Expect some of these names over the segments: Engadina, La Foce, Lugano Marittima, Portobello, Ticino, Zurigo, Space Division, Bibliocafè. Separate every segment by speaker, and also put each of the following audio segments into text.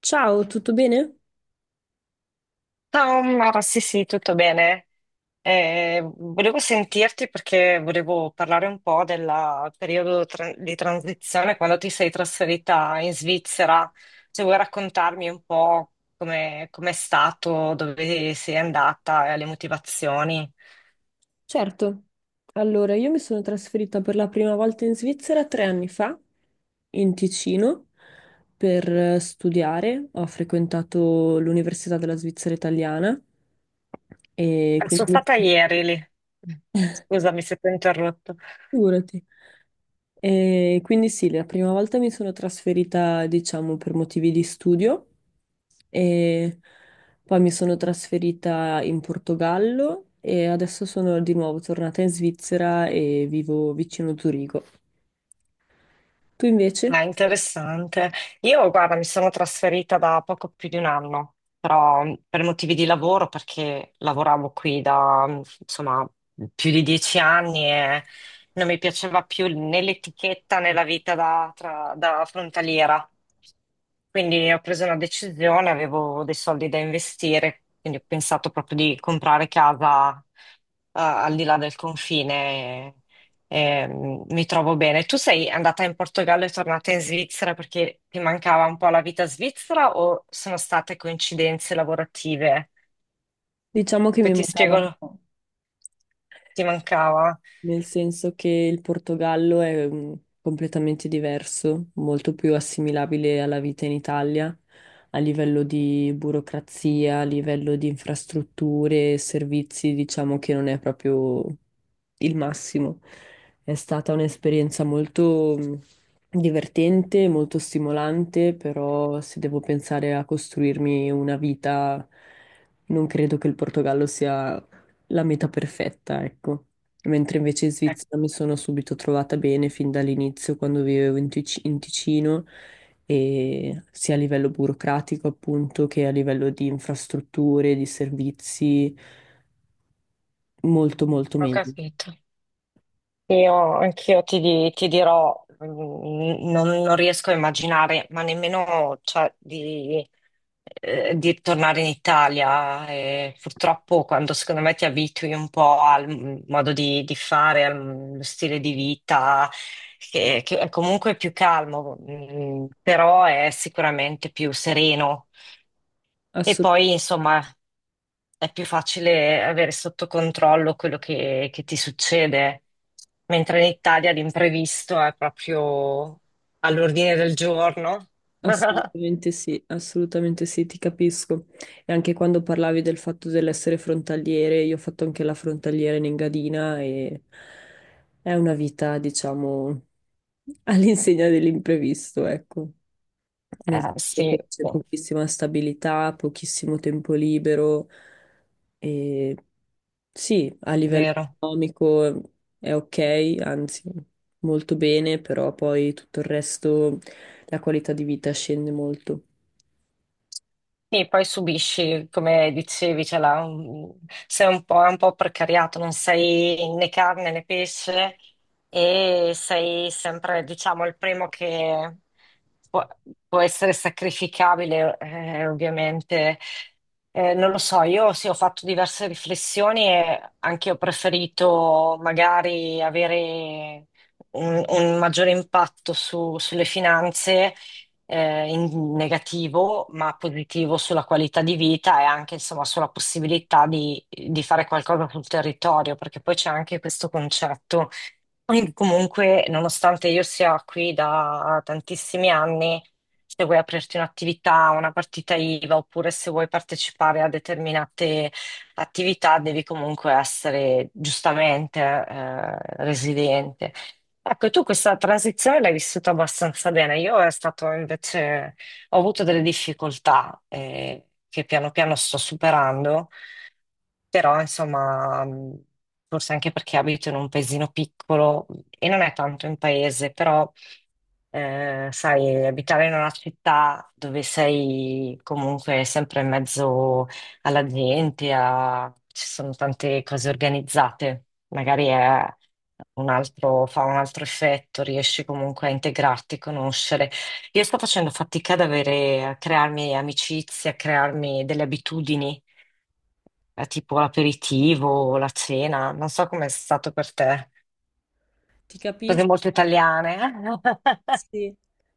Speaker 1: Ciao, tutto bene?
Speaker 2: Ciao Mara, sì sì, tutto bene. Volevo sentirti perché volevo parlare un po' del periodo di transizione quando ti sei trasferita in Svizzera. Se vuoi raccontarmi un po' come com'è stato, dove sei andata e le motivazioni.
Speaker 1: Certo. Allora, io mi sono trasferita per la prima volta in Svizzera 3 anni fa, in Ticino, per studiare. Ho frequentato l'Università della Svizzera Italiana e
Speaker 2: Sono
Speaker 1: quindi
Speaker 2: stata ieri lì. Scusami se ti ho interrotto.
Speaker 1: figurati. E quindi sì, la prima volta mi sono trasferita, diciamo, per motivi di studio e poi mi sono trasferita in Portogallo e adesso sono di nuovo tornata in Svizzera e vivo vicino Zurigo. Tu invece?
Speaker 2: Ah, interessante. Io, guarda, mi sono trasferita da poco più di un anno, però per motivi di lavoro, perché lavoravo qui da, insomma, più di 10 anni e non mi piaceva più né l'etichetta né la vita da, da frontaliera. Quindi ho preso una decisione, avevo dei soldi da investire, quindi ho pensato proprio di comprare casa, al di là del confine. E, mi trovo bene. Tu sei andata in Portogallo e tornata in Svizzera perché ti mancava un po' la vita svizzera o sono state coincidenze lavorative?
Speaker 1: Diciamo che
Speaker 2: Poi
Speaker 1: mi
Speaker 2: ti
Speaker 1: mancava
Speaker 2: spiego,
Speaker 1: un po',
Speaker 2: ti mancava.
Speaker 1: nel senso che il Portogallo è completamente diverso, molto più assimilabile alla vita in Italia, a livello di burocrazia, a livello di infrastrutture e servizi. Diciamo che non è proprio il massimo. È stata un'esperienza molto divertente, molto stimolante, però se devo pensare a costruirmi una vita, non credo che il Portogallo sia la meta perfetta, ecco. Mentre invece in
Speaker 2: Ecco,
Speaker 1: Svizzera mi sono subito trovata bene fin dall'inizio quando vivevo in in Ticino, e sia a livello burocratico appunto che a livello di infrastrutture, di servizi, molto molto
Speaker 2: ho
Speaker 1: meglio.
Speaker 2: capito. Anch'io ti dirò, non riesco a immaginare, ma nemmeno cioè, di tornare in Italia. E purtroppo quando secondo me ti abitui un po' al modo di fare, al stile di vita, che è comunque più calmo, però è sicuramente più sereno. E
Speaker 1: Assu-
Speaker 2: poi, insomma, è più facile avere sotto controllo quello che ti succede, mentre in Italia l'imprevisto è proprio all'ordine del giorno.
Speaker 1: Assolutamente sì, ti capisco. E anche quando parlavi del fatto dell'essere frontaliere, io ho fatto anche la frontaliera in Engadina, e è una vita, diciamo, all'insegna dell'imprevisto, ecco. Nel senso
Speaker 2: Sì,
Speaker 1: che c'è
Speaker 2: è
Speaker 1: pochissima stabilità, pochissimo tempo libero, e sì, a livello
Speaker 2: vero.
Speaker 1: economico è ok, anzi molto bene, però poi tutto il resto, la qualità di vita scende molto.
Speaker 2: Sì, poi subisci, come dicevi, sei un po', è un po' precariato, non sei né carne né pesce e sei sempre, diciamo, il primo che può, può essere sacrificabile, ovviamente. Non lo so, io sì, ho fatto diverse riflessioni e anche io ho preferito magari avere un maggiore impatto sulle finanze in negativo, ma positivo sulla qualità di vita e anche insomma sulla possibilità di fare qualcosa sul territorio, perché poi c'è anche questo concetto. Quindi comunque, nonostante io sia qui da tantissimi anni, se vuoi aprirti un'attività, una partita IVA, oppure se vuoi partecipare a determinate attività, devi comunque essere giustamente residente. Ecco, tu questa transizione l'hai vissuta abbastanza bene. Io è stato invece, ho avuto delle difficoltà che piano piano sto superando, però insomma, forse anche perché abito in un paesino piccolo e non è tanto in paese, però sai, abitare in una città dove sei comunque sempre in mezzo alla gente, ci sono tante cose organizzate, magari è fa un altro effetto, riesci comunque a integrarti, conoscere. Io sto facendo fatica ad avere, a crearmi amicizie, a crearmi delle abitudini tipo l'aperitivo o la cena, non so com'è stato per te.
Speaker 1: Ti
Speaker 2: Cose
Speaker 1: capisco.
Speaker 2: molto italiane. Eh?
Speaker 1: Sì,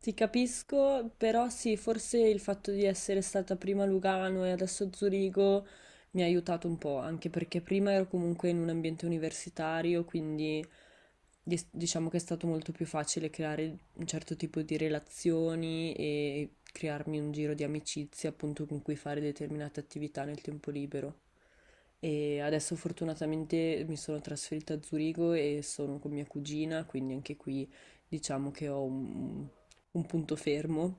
Speaker 1: ti capisco, però sì, forse il fatto di essere stata prima a Lugano e adesso a Zurigo mi ha aiutato un po', anche perché prima ero comunque in un ambiente universitario, quindi diciamo che è stato molto più facile creare un certo tipo di relazioni e crearmi un giro di amicizie appunto con cui fare determinate attività nel tempo libero. E adesso fortunatamente mi sono trasferita a Zurigo e sono con mia cugina, quindi anche qui diciamo che ho un punto fermo,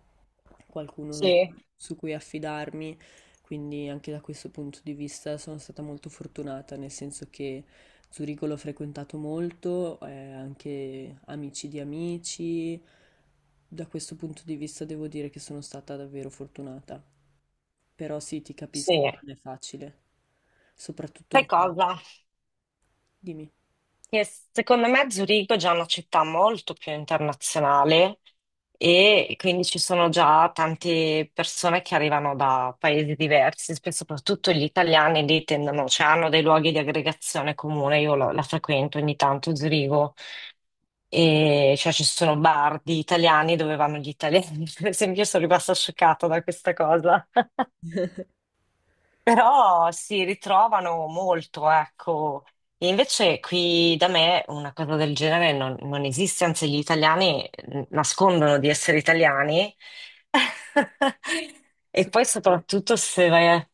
Speaker 1: qualcuno
Speaker 2: Sì,
Speaker 1: su cui affidarmi, quindi anche da questo punto di vista sono stata molto fortunata, nel senso che Zurigo l'ho frequentato molto, anche amici di amici. Da questo punto di vista devo dire che sono stata davvero fortunata. Però sì, ti capisco,
Speaker 2: sì.
Speaker 1: non è facile, soprattutto
Speaker 2: Sai
Speaker 1: un po'.
Speaker 2: cosa?
Speaker 1: Dimmi.
Speaker 2: Che secondo me Zurigo è già una città molto più internazionale e quindi ci sono già tante persone che arrivano da paesi diversi, soprattutto gli italiani lì tendono, cioè hanno dei luoghi di aggregazione comune. Io la frequento ogni tanto Zurigo. E cioè ci sono bar di italiani dove vanno gli italiani, per esempio, io sono rimasta scioccata da questa cosa. Però si ritrovano molto, ecco. E invece qui da me una cosa del genere non esiste, anzi gli italiani nascondono di essere italiani. E poi
Speaker 1: Succede.
Speaker 2: soprattutto se vai a,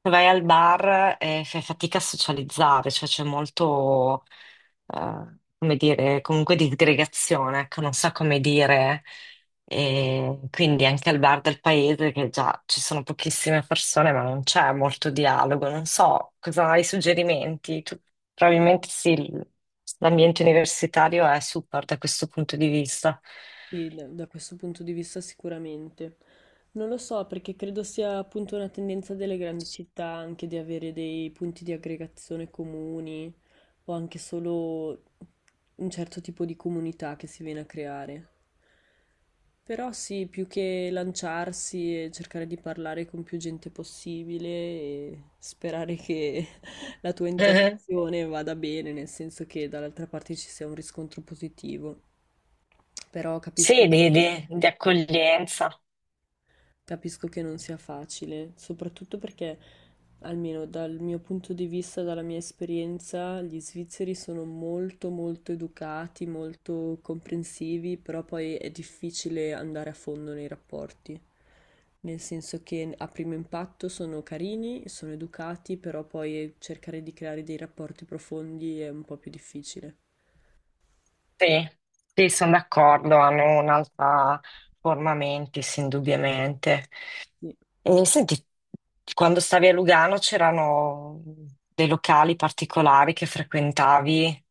Speaker 2: vai al bar e fai fatica a socializzare, cioè c'è molto, eh, come dire, comunque di aggregazione, ecco, non so come dire. E quindi anche al bar del paese, che già ci sono pochissime persone, ma non c'è molto dialogo. Non so cosa hai suggerimenti. Tu, probabilmente sì, l'ambiente universitario è super da questo punto di vista.
Speaker 1: Sì, da, da questo punto di vista sicuramente. Non lo so, perché credo sia appunto una tendenza delle grandi città anche di avere dei punti di aggregazione comuni o anche solo un certo tipo di comunità che si viene a creare. Però sì, più che lanciarsi e cercare di parlare con più gente possibile e sperare che la tua
Speaker 2: Mhm.
Speaker 1: interazione vada bene, nel senso che dall'altra parte ci sia un riscontro positivo. Però capisco.
Speaker 2: Sì, di di accoglienza.
Speaker 1: Capisco che non sia facile, soprattutto perché, almeno dal mio punto di vista, dalla mia esperienza, gli svizzeri sono molto molto educati, molto comprensivi, però poi è difficile andare a fondo nei rapporti. Nel senso che a primo impatto sono carini, sono educati, però poi cercare di creare dei rapporti profondi è un po' più difficile.
Speaker 2: Sì, sì, sono d'accordo, hanno un'altra forma mentis, indubbiamente.
Speaker 1: Sì.
Speaker 2: E senti, quando stavi a Lugano c'erano dei locali particolari che frequentavi?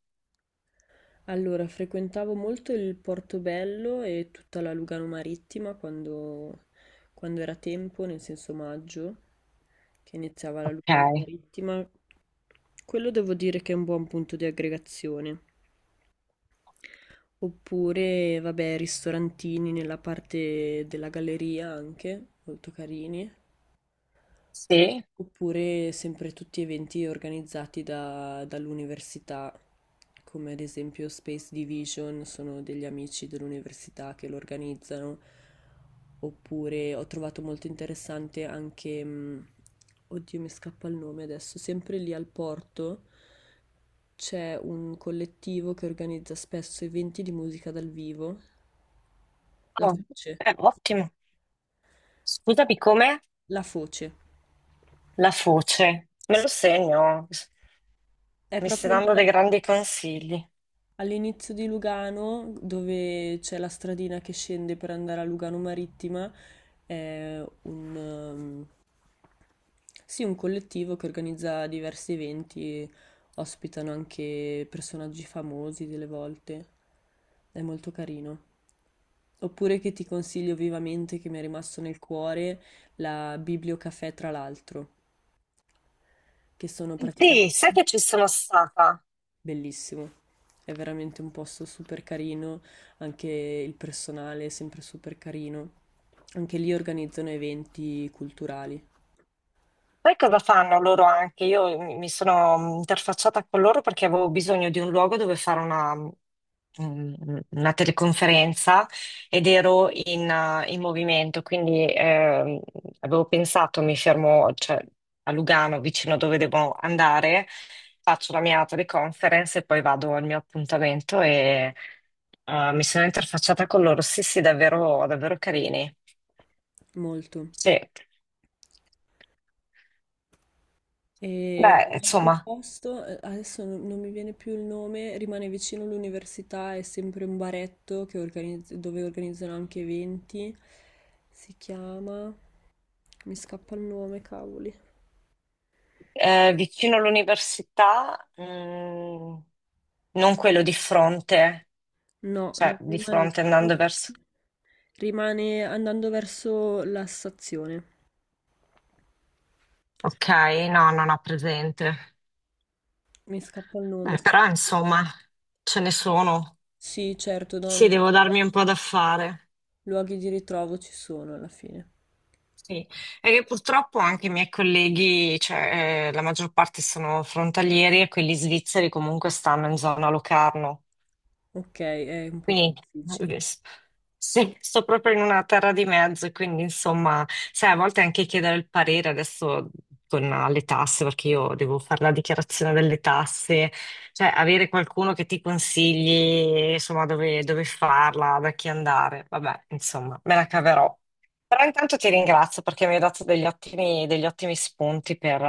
Speaker 1: Allora, frequentavo molto il Portobello e tutta la Lugano Marittima quando, quando era tempo, nel senso maggio, che iniziava la
Speaker 2: Ok,
Speaker 1: Lugano Marittima. Quello devo dire che è un buon punto di aggregazione. Oppure, vabbè, ristorantini nella parte della galleria anche, molto carini.
Speaker 2: sì,
Speaker 1: Oppure sempre tutti eventi organizzati dall'università, come ad esempio Space Division, sono degli amici dell'università che lo organizzano. Oppure ho trovato molto interessante anche, oddio mi scappa il nome adesso, sempre lì al porto c'è un collettivo che organizza spesso eventi di musica dal vivo, La
Speaker 2: oh,
Speaker 1: Foce.
Speaker 2: ottimo. Scusami, com'è
Speaker 1: La Foce.
Speaker 2: la Foce? Me
Speaker 1: Sì,
Speaker 2: lo segno,
Speaker 1: è
Speaker 2: mi stai
Speaker 1: proprio lì,
Speaker 2: dando dei grandi consigli.
Speaker 1: all'inizio di Lugano, dove c'è la stradina che scende per andare a Lugano Marittima. È un, sì, un collettivo che organizza diversi eventi, ospitano anche personaggi famosi delle volte, è molto carino. Oppure che ti consiglio vivamente, che mi è rimasto nel cuore, la Bibliocafè tra l'altro, che sono
Speaker 2: Sì,
Speaker 1: praticamente...
Speaker 2: sai che ci sono stata?
Speaker 1: Bellissimo. È veramente un posto super carino, anche il personale è sempre super carino. Anche lì organizzano eventi culturali,
Speaker 2: Poi cosa fanno loro anche? Io mi sono interfacciata con loro perché avevo bisogno di un luogo dove fare una, mm, una teleconferenza ed ero in, in movimento, quindi avevo pensato, mi fermo, cioè, a Lugano, vicino dove devo andare, faccio la mia teleconferenza e poi vado al mio appuntamento e mi sono interfacciata con loro. Sì, sì, davvero, davvero carini.
Speaker 1: molto.
Speaker 2: Sì.
Speaker 1: E
Speaker 2: Beh,
Speaker 1: un altro
Speaker 2: insomma.
Speaker 1: posto, adesso non mi viene più il nome, rimane vicino all'università, è sempre un baretto che dove organizzano anche eventi. Si chiama... Mi scappa il nome, cavoli.
Speaker 2: Eh, vicino all'università, non quello di fronte,
Speaker 1: No,
Speaker 2: cioè
Speaker 1: no,
Speaker 2: di
Speaker 1: rimane...
Speaker 2: fronte andando verso...
Speaker 1: Rimane andando verso la stazione.
Speaker 2: Ok, no, non ho presente.
Speaker 1: Mi scappa il nome.
Speaker 2: Beh, però insomma, ce ne sono.
Speaker 1: Sì, certo,
Speaker 2: Sì,
Speaker 1: no,
Speaker 2: devo darmi un po' da fare.
Speaker 1: luoghi di ritrovo ci sono alla fine.
Speaker 2: Sì. E che purtroppo anche i miei colleghi, cioè la maggior parte sono frontalieri e quelli svizzeri comunque stanno in zona Locarno.
Speaker 1: Ok, è un po' più
Speaker 2: Quindi
Speaker 1: difficile.
Speaker 2: eh, s- sì, sto proprio in una terra di mezzo, quindi insomma, sai, a volte anche chiedere il parere adesso con le tasse, perché io devo fare la dichiarazione delle tasse, cioè avere qualcuno che ti consigli, insomma, dove farla, da chi andare, vabbè, insomma, me la caverò. Però intanto ti ringrazio perché mi hai dato degli ottimi spunti per,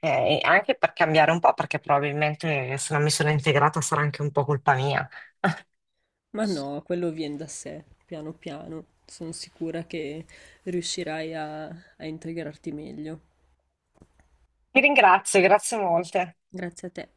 Speaker 2: anche per cambiare un po', perché probabilmente se non mi sono integrata sarà anche un po' colpa mia.
Speaker 1: Ma no, quello viene da sé, piano piano. Sono sicura che riuscirai a, a integrarti meglio.
Speaker 2: Vi ringrazio, grazie molte.
Speaker 1: Grazie a te.